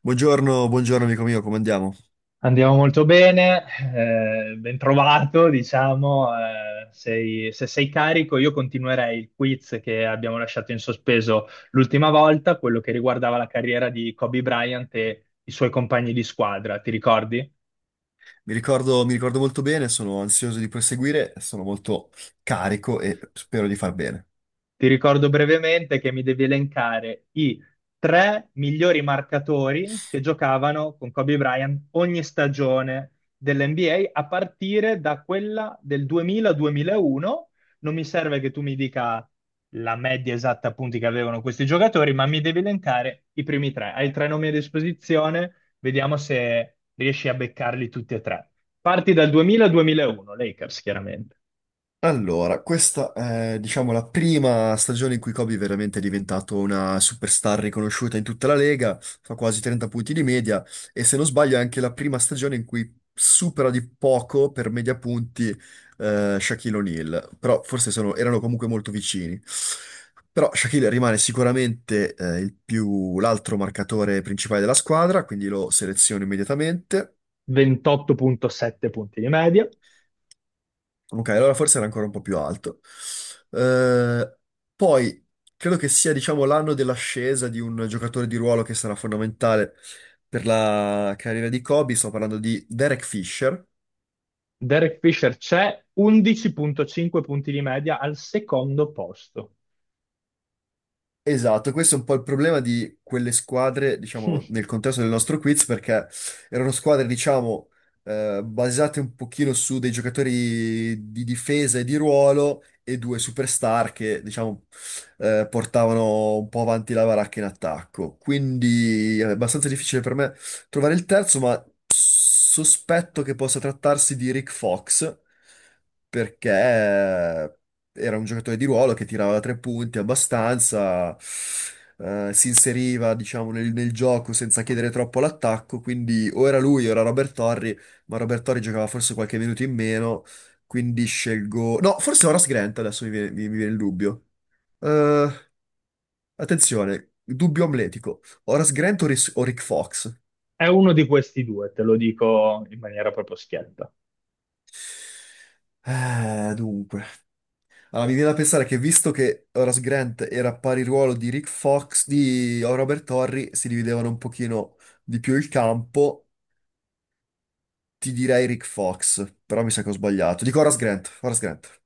Buongiorno, buongiorno amico mio, come andiamo? Andiamo molto bene, ben trovato, diciamo, se sei carico io continuerei il quiz che abbiamo lasciato in sospeso l'ultima volta, quello che riguardava la carriera di Kobe Bryant e i suoi compagni di squadra, ti ricordi? Mi ricordo molto bene, sono ansioso di proseguire, sono molto carico e spero di far bene. Ti ricordo brevemente che mi devi elencare i tre migliori marcatori che giocavano con Kobe Bryant ogni stagione dell'NBA a partire da quella del 2000-2001. Non mi serve che tu mi dica la media esatta punti che avevano questi giocatori, ma mi devi elencare i primi tre. Hai tre nomi a disposizione, vediamo se riesci a beccarli tutti e tre. Parti dal 2000-2001, Lakers chiaramente, Allora, questa è, diciamo, la prima stagione in cui Kobe è veramente diventato una superstar riconosciuta in tutta la Lega, fa quasi 30 punti di media e se non sbaglio è anche la prima stagione in cui supera di poco per media punti Shaquille O'Neal, però erano comunque molto vicini. Però Shaquille rimane sicuramente l'altro marcatore principale della squadra, quindi lo seleziono immediatamente. 28.7 punti di media. Ok, allora forse era ancora un po' più alto. Eh, poi Credo che sia, diciamo, l'anno dell'ascesa di un giocatore di ruolo che sarà fondamentale per la carriera di Kobe. Sto parlando di Derek Fisher. Derek Fisher c'è 11.5 punti di media al secondo posto. Esatto, questo è un po' il problema di quelle squadre, diciamo, nel contesto del nostro quiz, perché erano squadre, diciamo, basate un pochino su dei giocatori di difesa e di ruolo e due superstar che, diciamo, portavano un po' avanti la baracca in attacco. Quindi è abbastanza difficile per me trovare il terzo, ma sospetto che possa trattarsi di Rick Fox, perché era un giocatore di ruolo che tirava da tre punti abbastanza, si inseriva, diciamo, nel gioco senza chiedere troppo all'attacco, quindi o era lui o era Robert Torri, ma Robert Torri giocava forse qualche minuto in meno, quindi scelgo... No, forse Horace Grant, adesso mi viene, mi viene il dubbio. Eh, attenzione, dubbio amletico. Horace Grant o Rick Fox? È uno di questi due, te lo dico in maniera proprio schietta. Dunque... Allora, mi viene da pensare che visto che Horace Grant era pari ruolo di Rick Fox, di Robert Horry, si dividevano un pochino di più il campo, ti direi Rick Fox, però mi sa che ho sbagliato. Dico Horace Grant, Horace Grant.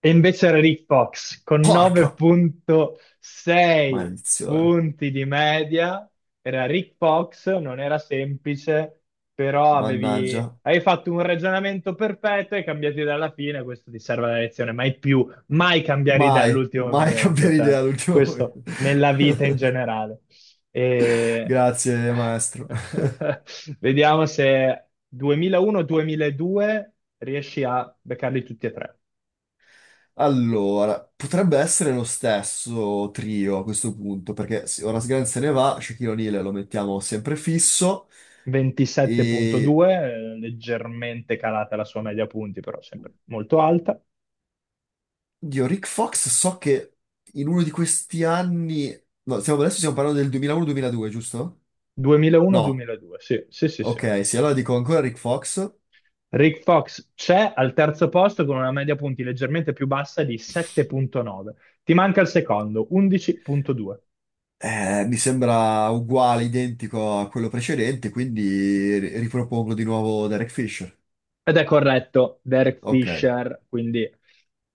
E invece era Rick Fox con Porca 9.6 maledizione, punti di media. Era Rick Fox, non era semplice, però avevi, mannaggia. avevi fatto un ragionamento perfetto e cambiato idea alla fine. Questo ti serve la lezione. Mai più, mai cambiare idea Mai, all'ultimo mai momento. cambiare Cioè, idea all'ultimo momento. questo nella vita in generale. E... Grazie, maestro. Vediamo se 2001-2002 riesci a beccarli tutti e tre. Allora, potrebbe essere lo stesso trio a questo punto, perché se ora Sgan se ne va, Shaquille O'Neal lo mettiamo sempre fisso e 27.2, leggermente calata la sua media punti, però sempre molto alta. dio, Rick Fox so che in uno di questi anni, no, adesso stiamo parlando del 2001-2002, giusto? No, 2001-2002, sì, sì, sì, sì. ok, sì, allora dico ancora Rick Fox. Rick Fox c'è al terzo posto con una media punti leggermente più bassa di 7.9. Ti manca il secondo, 11.2. Mi sembra uguale, identico a quello precedente, quindi ripropongo di nuovo Derek Fisher. Ed è corretto, Derek Ok. Fisher, quindi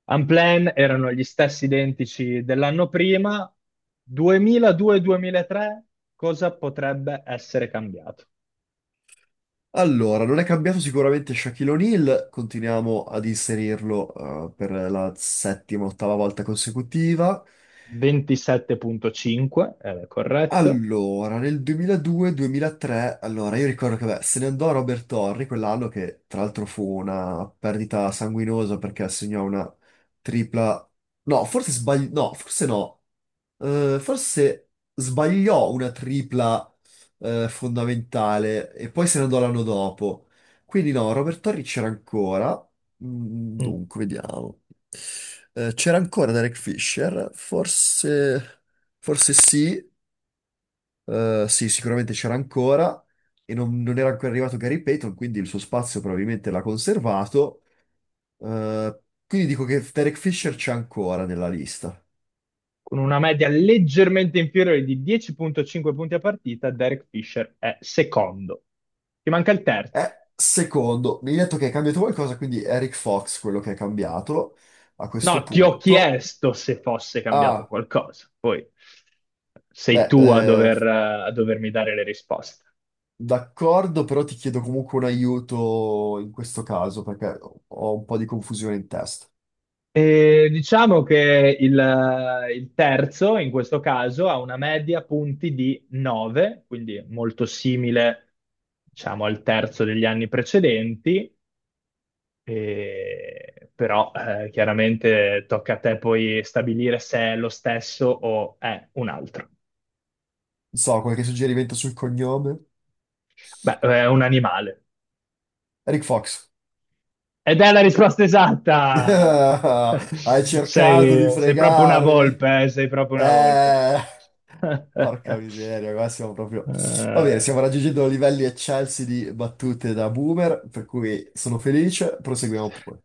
Unplanned erano gli stessi identici dell'anno prima. 2002-2003, cosa potrebbe essere cambiato? Allora, non è cambiato sicuramente Shaquille O'Neal, continuiamo ad inserirlo per la settima, ottava volta consecutiva. 27.5, era corretto. Allora, nel 2002-2003, allora io ricordo che beh, se ne andò Robert Torri quell'anno che tra l'altro fu una perdita sanguinosa perché assegnò una tripla... No, forse sbaglio... No, forse no. Forse sbagliò una tripla fondamentale e poi se ne andò l'anno dopo. Quindi no, Robert Torri c'era ancora. Mm, Mm. dunque, vediamo. C'era ancora Derek Fisher, forse, forse sì. Sì, sicuramente c'era ancora e non era ancora arrivato Gary Payton, quindi il suo spazio probabilmente l'ha conservato. Eh, quindi dico che Derek Fisher c'è ancora nella lista. Con una media leggermente inferiore di 10.5 punti a partita, Derek Fisher è secondo. Ti manca il terzo. Secondo, mi hai detto che è cambiato qualcosa, quindi Eric Fox, quello che è cambiato a questo No, ti ho punto. chiesto se fosse cambiato Ah, qualcosa, poi sei beh, tu a dovermi dare le risposte. d'accordo, però ti chiedo comunque un aiuto in questo caso, perché ho un po' di confusione in testa. E diciamo che il terzo, in questo caso, ha una media punti di 9, quindi molto simile, diciamo, al terzo degli anni precedenti, però chiaramente tocca a te poi stabilire se è lo stesso o è un altro. Non so, qualche suggerimento sul cognome? Beh, è un animale. Eric Fox. Ed è la risposta esatta! Hai cercato di Sei proprio una fregarmi. volpe, eh. Sei proprio una volpe. Eh, porca miseria, qua siamo proprio... Va bene, Eh, stiamo raggiungendo livelli eccelsi di battute da boomer, per cui sono felice, proseguiamo pure.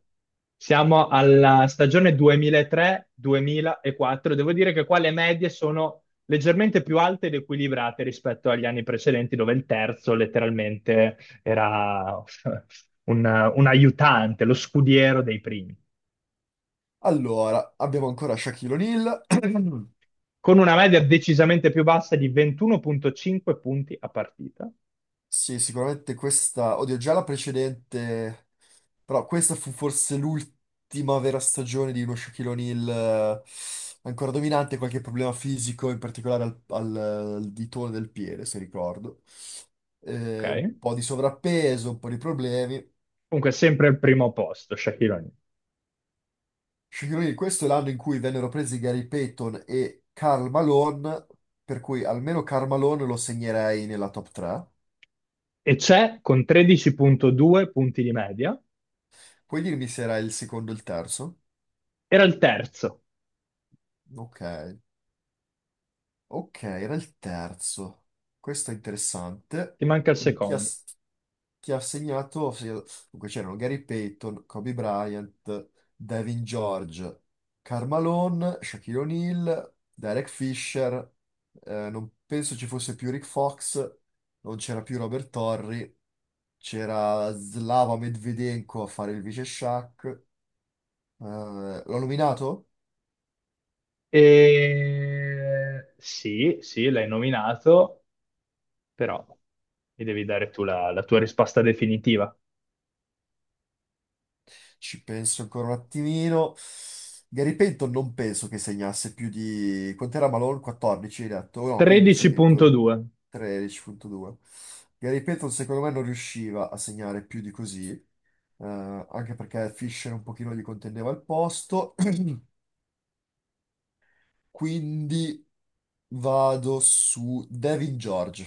siamo alla stagione 2003-2004. Devo dire che qua le medie sono leggermente più alte ed equilibrate rispetto agli anni precedenti, dove il terzo letteralmente era un aiutante, lo scudiero dei primi, Allora, abbiamo ancora Shaquille O'Neal. con una media decisamente più bassa di 21,5 punti a partita. Sì, sicuramente questa... Oddio, già la precedente... Però questa fu forse l'ultima vera stagione di uno Shaquille O'Neal eh, ancora dominante, qualche problema fisico, in particolare al ditone del piede, se ricordo. Un Ok? po' di sovrappeso, un po' di problemi. Comunque sempre al primo posto, Shaquille O'Neal. Shaquille O'Neal, questo è l'anno in cui vennero presi Gary Payton e Karl Malone, per cui almeno Karl Malone lo segnerei nella top 3. E c'è con 13,2 punti di media. Puoi dirmi se era il secondo o il terzo? Era il terzo, Ok. Ok, era il terzo. Questo è interessante. ti manca il Quindi chi ha, secondo. chi ha segnato? Dunque c'erano Gary Payton, Kobe Bryant, Devin George, Karl Malone, Shaquille O'Neal, Derek Fisher. Eh, non penso ci fosse più Rick Fox, non c'era più Robert Torrey, c'era Slava Medvedenko a fare il vice Shaq. L'ho nominato? Sì, sì, l'hai nominato, però mi devi dare tu la tua risposta definitiva. Ci penso ancora un attimino. Gary Payton non penso che segnasse più di... Quant'era Malone? 14, hai detto? No, 15 addirittura. 13.2. 13,2. Gary Payton secondo me non riusciva a segnare più di così, anche perché Fisher un pochino gli contendeva il posto. Quindi vado su Devin George.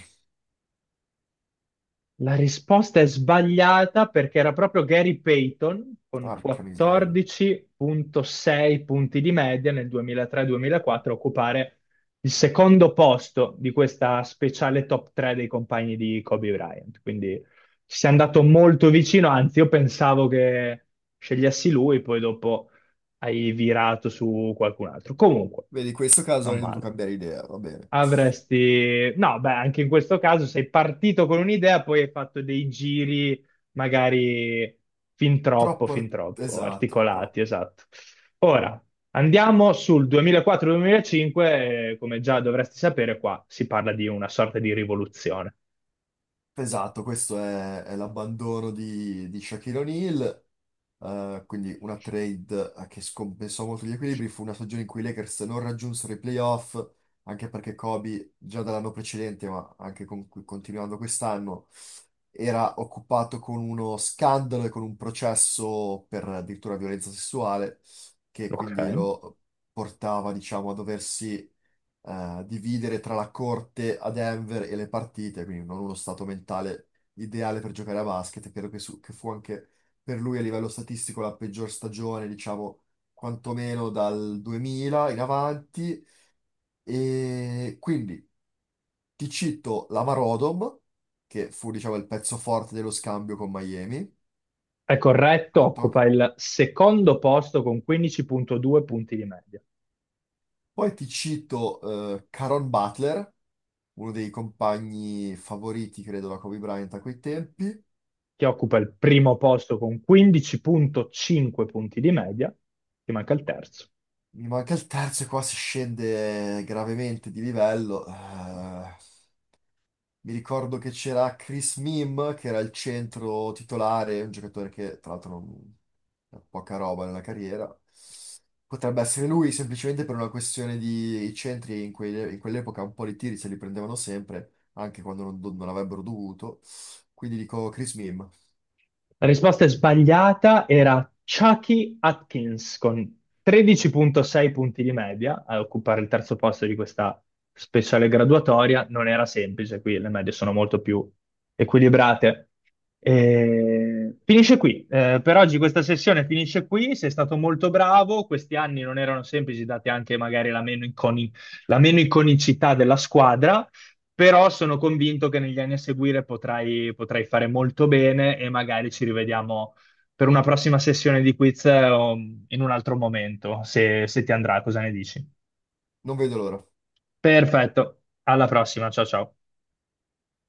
La risposta è sbagliata perché era proprio Gary Payton con Porca miseria. 14.6 punti di media nel 2003-2004 a occupare il secondo posto di questa speciale top 3 dei compagni di Kobe Bryant. Quindi ci si è andato molto vicino, anzi io pensavo che scegliessi lui, poi dopo hai virato su qualcun altro. Comunque, Vedi, in questo caso non avrei dovuto male. cambiare idea, va bene. No, beh, anche in questo caso sei partito con un'idea, poi hai fatto dei giri magari fin troppo Troppo. articolati, esatto. Ora andiamo sul 2004-2005, come già dovresti sapere, qua si parla di una sorta di rivoluzione. Esatto, questo è l'abbandono di Shaquille O'Neal, quindi una trade che scompensò molto gli equilibri, fu una stagione in cui i Lakers non raggiunsero i playoff, anche perché Kobe già dall'anno precedente, ma anche continuando quest'anno, era occupato con uno scandalo e con un processo per addirittura violenza sessuale, che Ok. quindi lo portava, diciamo, a doversi dividere tra la corte a Denver e le partite, quindi non uno stato mentale ideale per giocare a basket. Credo che, che fu anche per lui a livello statistico la peggior stagione, diciamo, quantomeno dal 2000 in avanti. E quindi ti cito la Marodom, che fu, diciamo, il pezzo forte dello scambio con Miami. È corretto, Esatto. occupa il secondo posto con 15.2 punti di media. Poi ti cito Caron Butler, uno dei compagni favoriti, credo, da Kobe Bryant a quei tempi. Chi occupa il primo posto con 15.5 punti di media, ti manca il terzo. Mi manca il terzo e qua si scende gravemente di livello. Mi ricordo che c'era Chris Mim, che era il centro titolare, un giocatore che tra l'altro non ha poca roba nella carriera. Potrebbe essere lui semplicemente per una questione di i centri in, in quell'epoca un po' di tiri se li prendevano sempre, anche quando non avrebbero dovuto. Quindi dico Chris Mim. La risposta sbagliata era Chucky Atkins con 13.6 punti di media a occupare il terzo posto di questa speciale graduatoria. Non era semplice, qui le medie sono molto più equilibrate. Per oggi questa sessione finisce qui. Sei stato molto bravo. Questi anni non erano semplici, date anche magari la meno iconicità della squadra, però sono convinto che negli anni a seguire potrai fare molto bene e magari ci rivediamo per una prossima sessione di quiz o in un altro momento, se ti andrà, cosa ne dici? Non vedo l'ora. Perfetto, alla prossima, ciao ciao.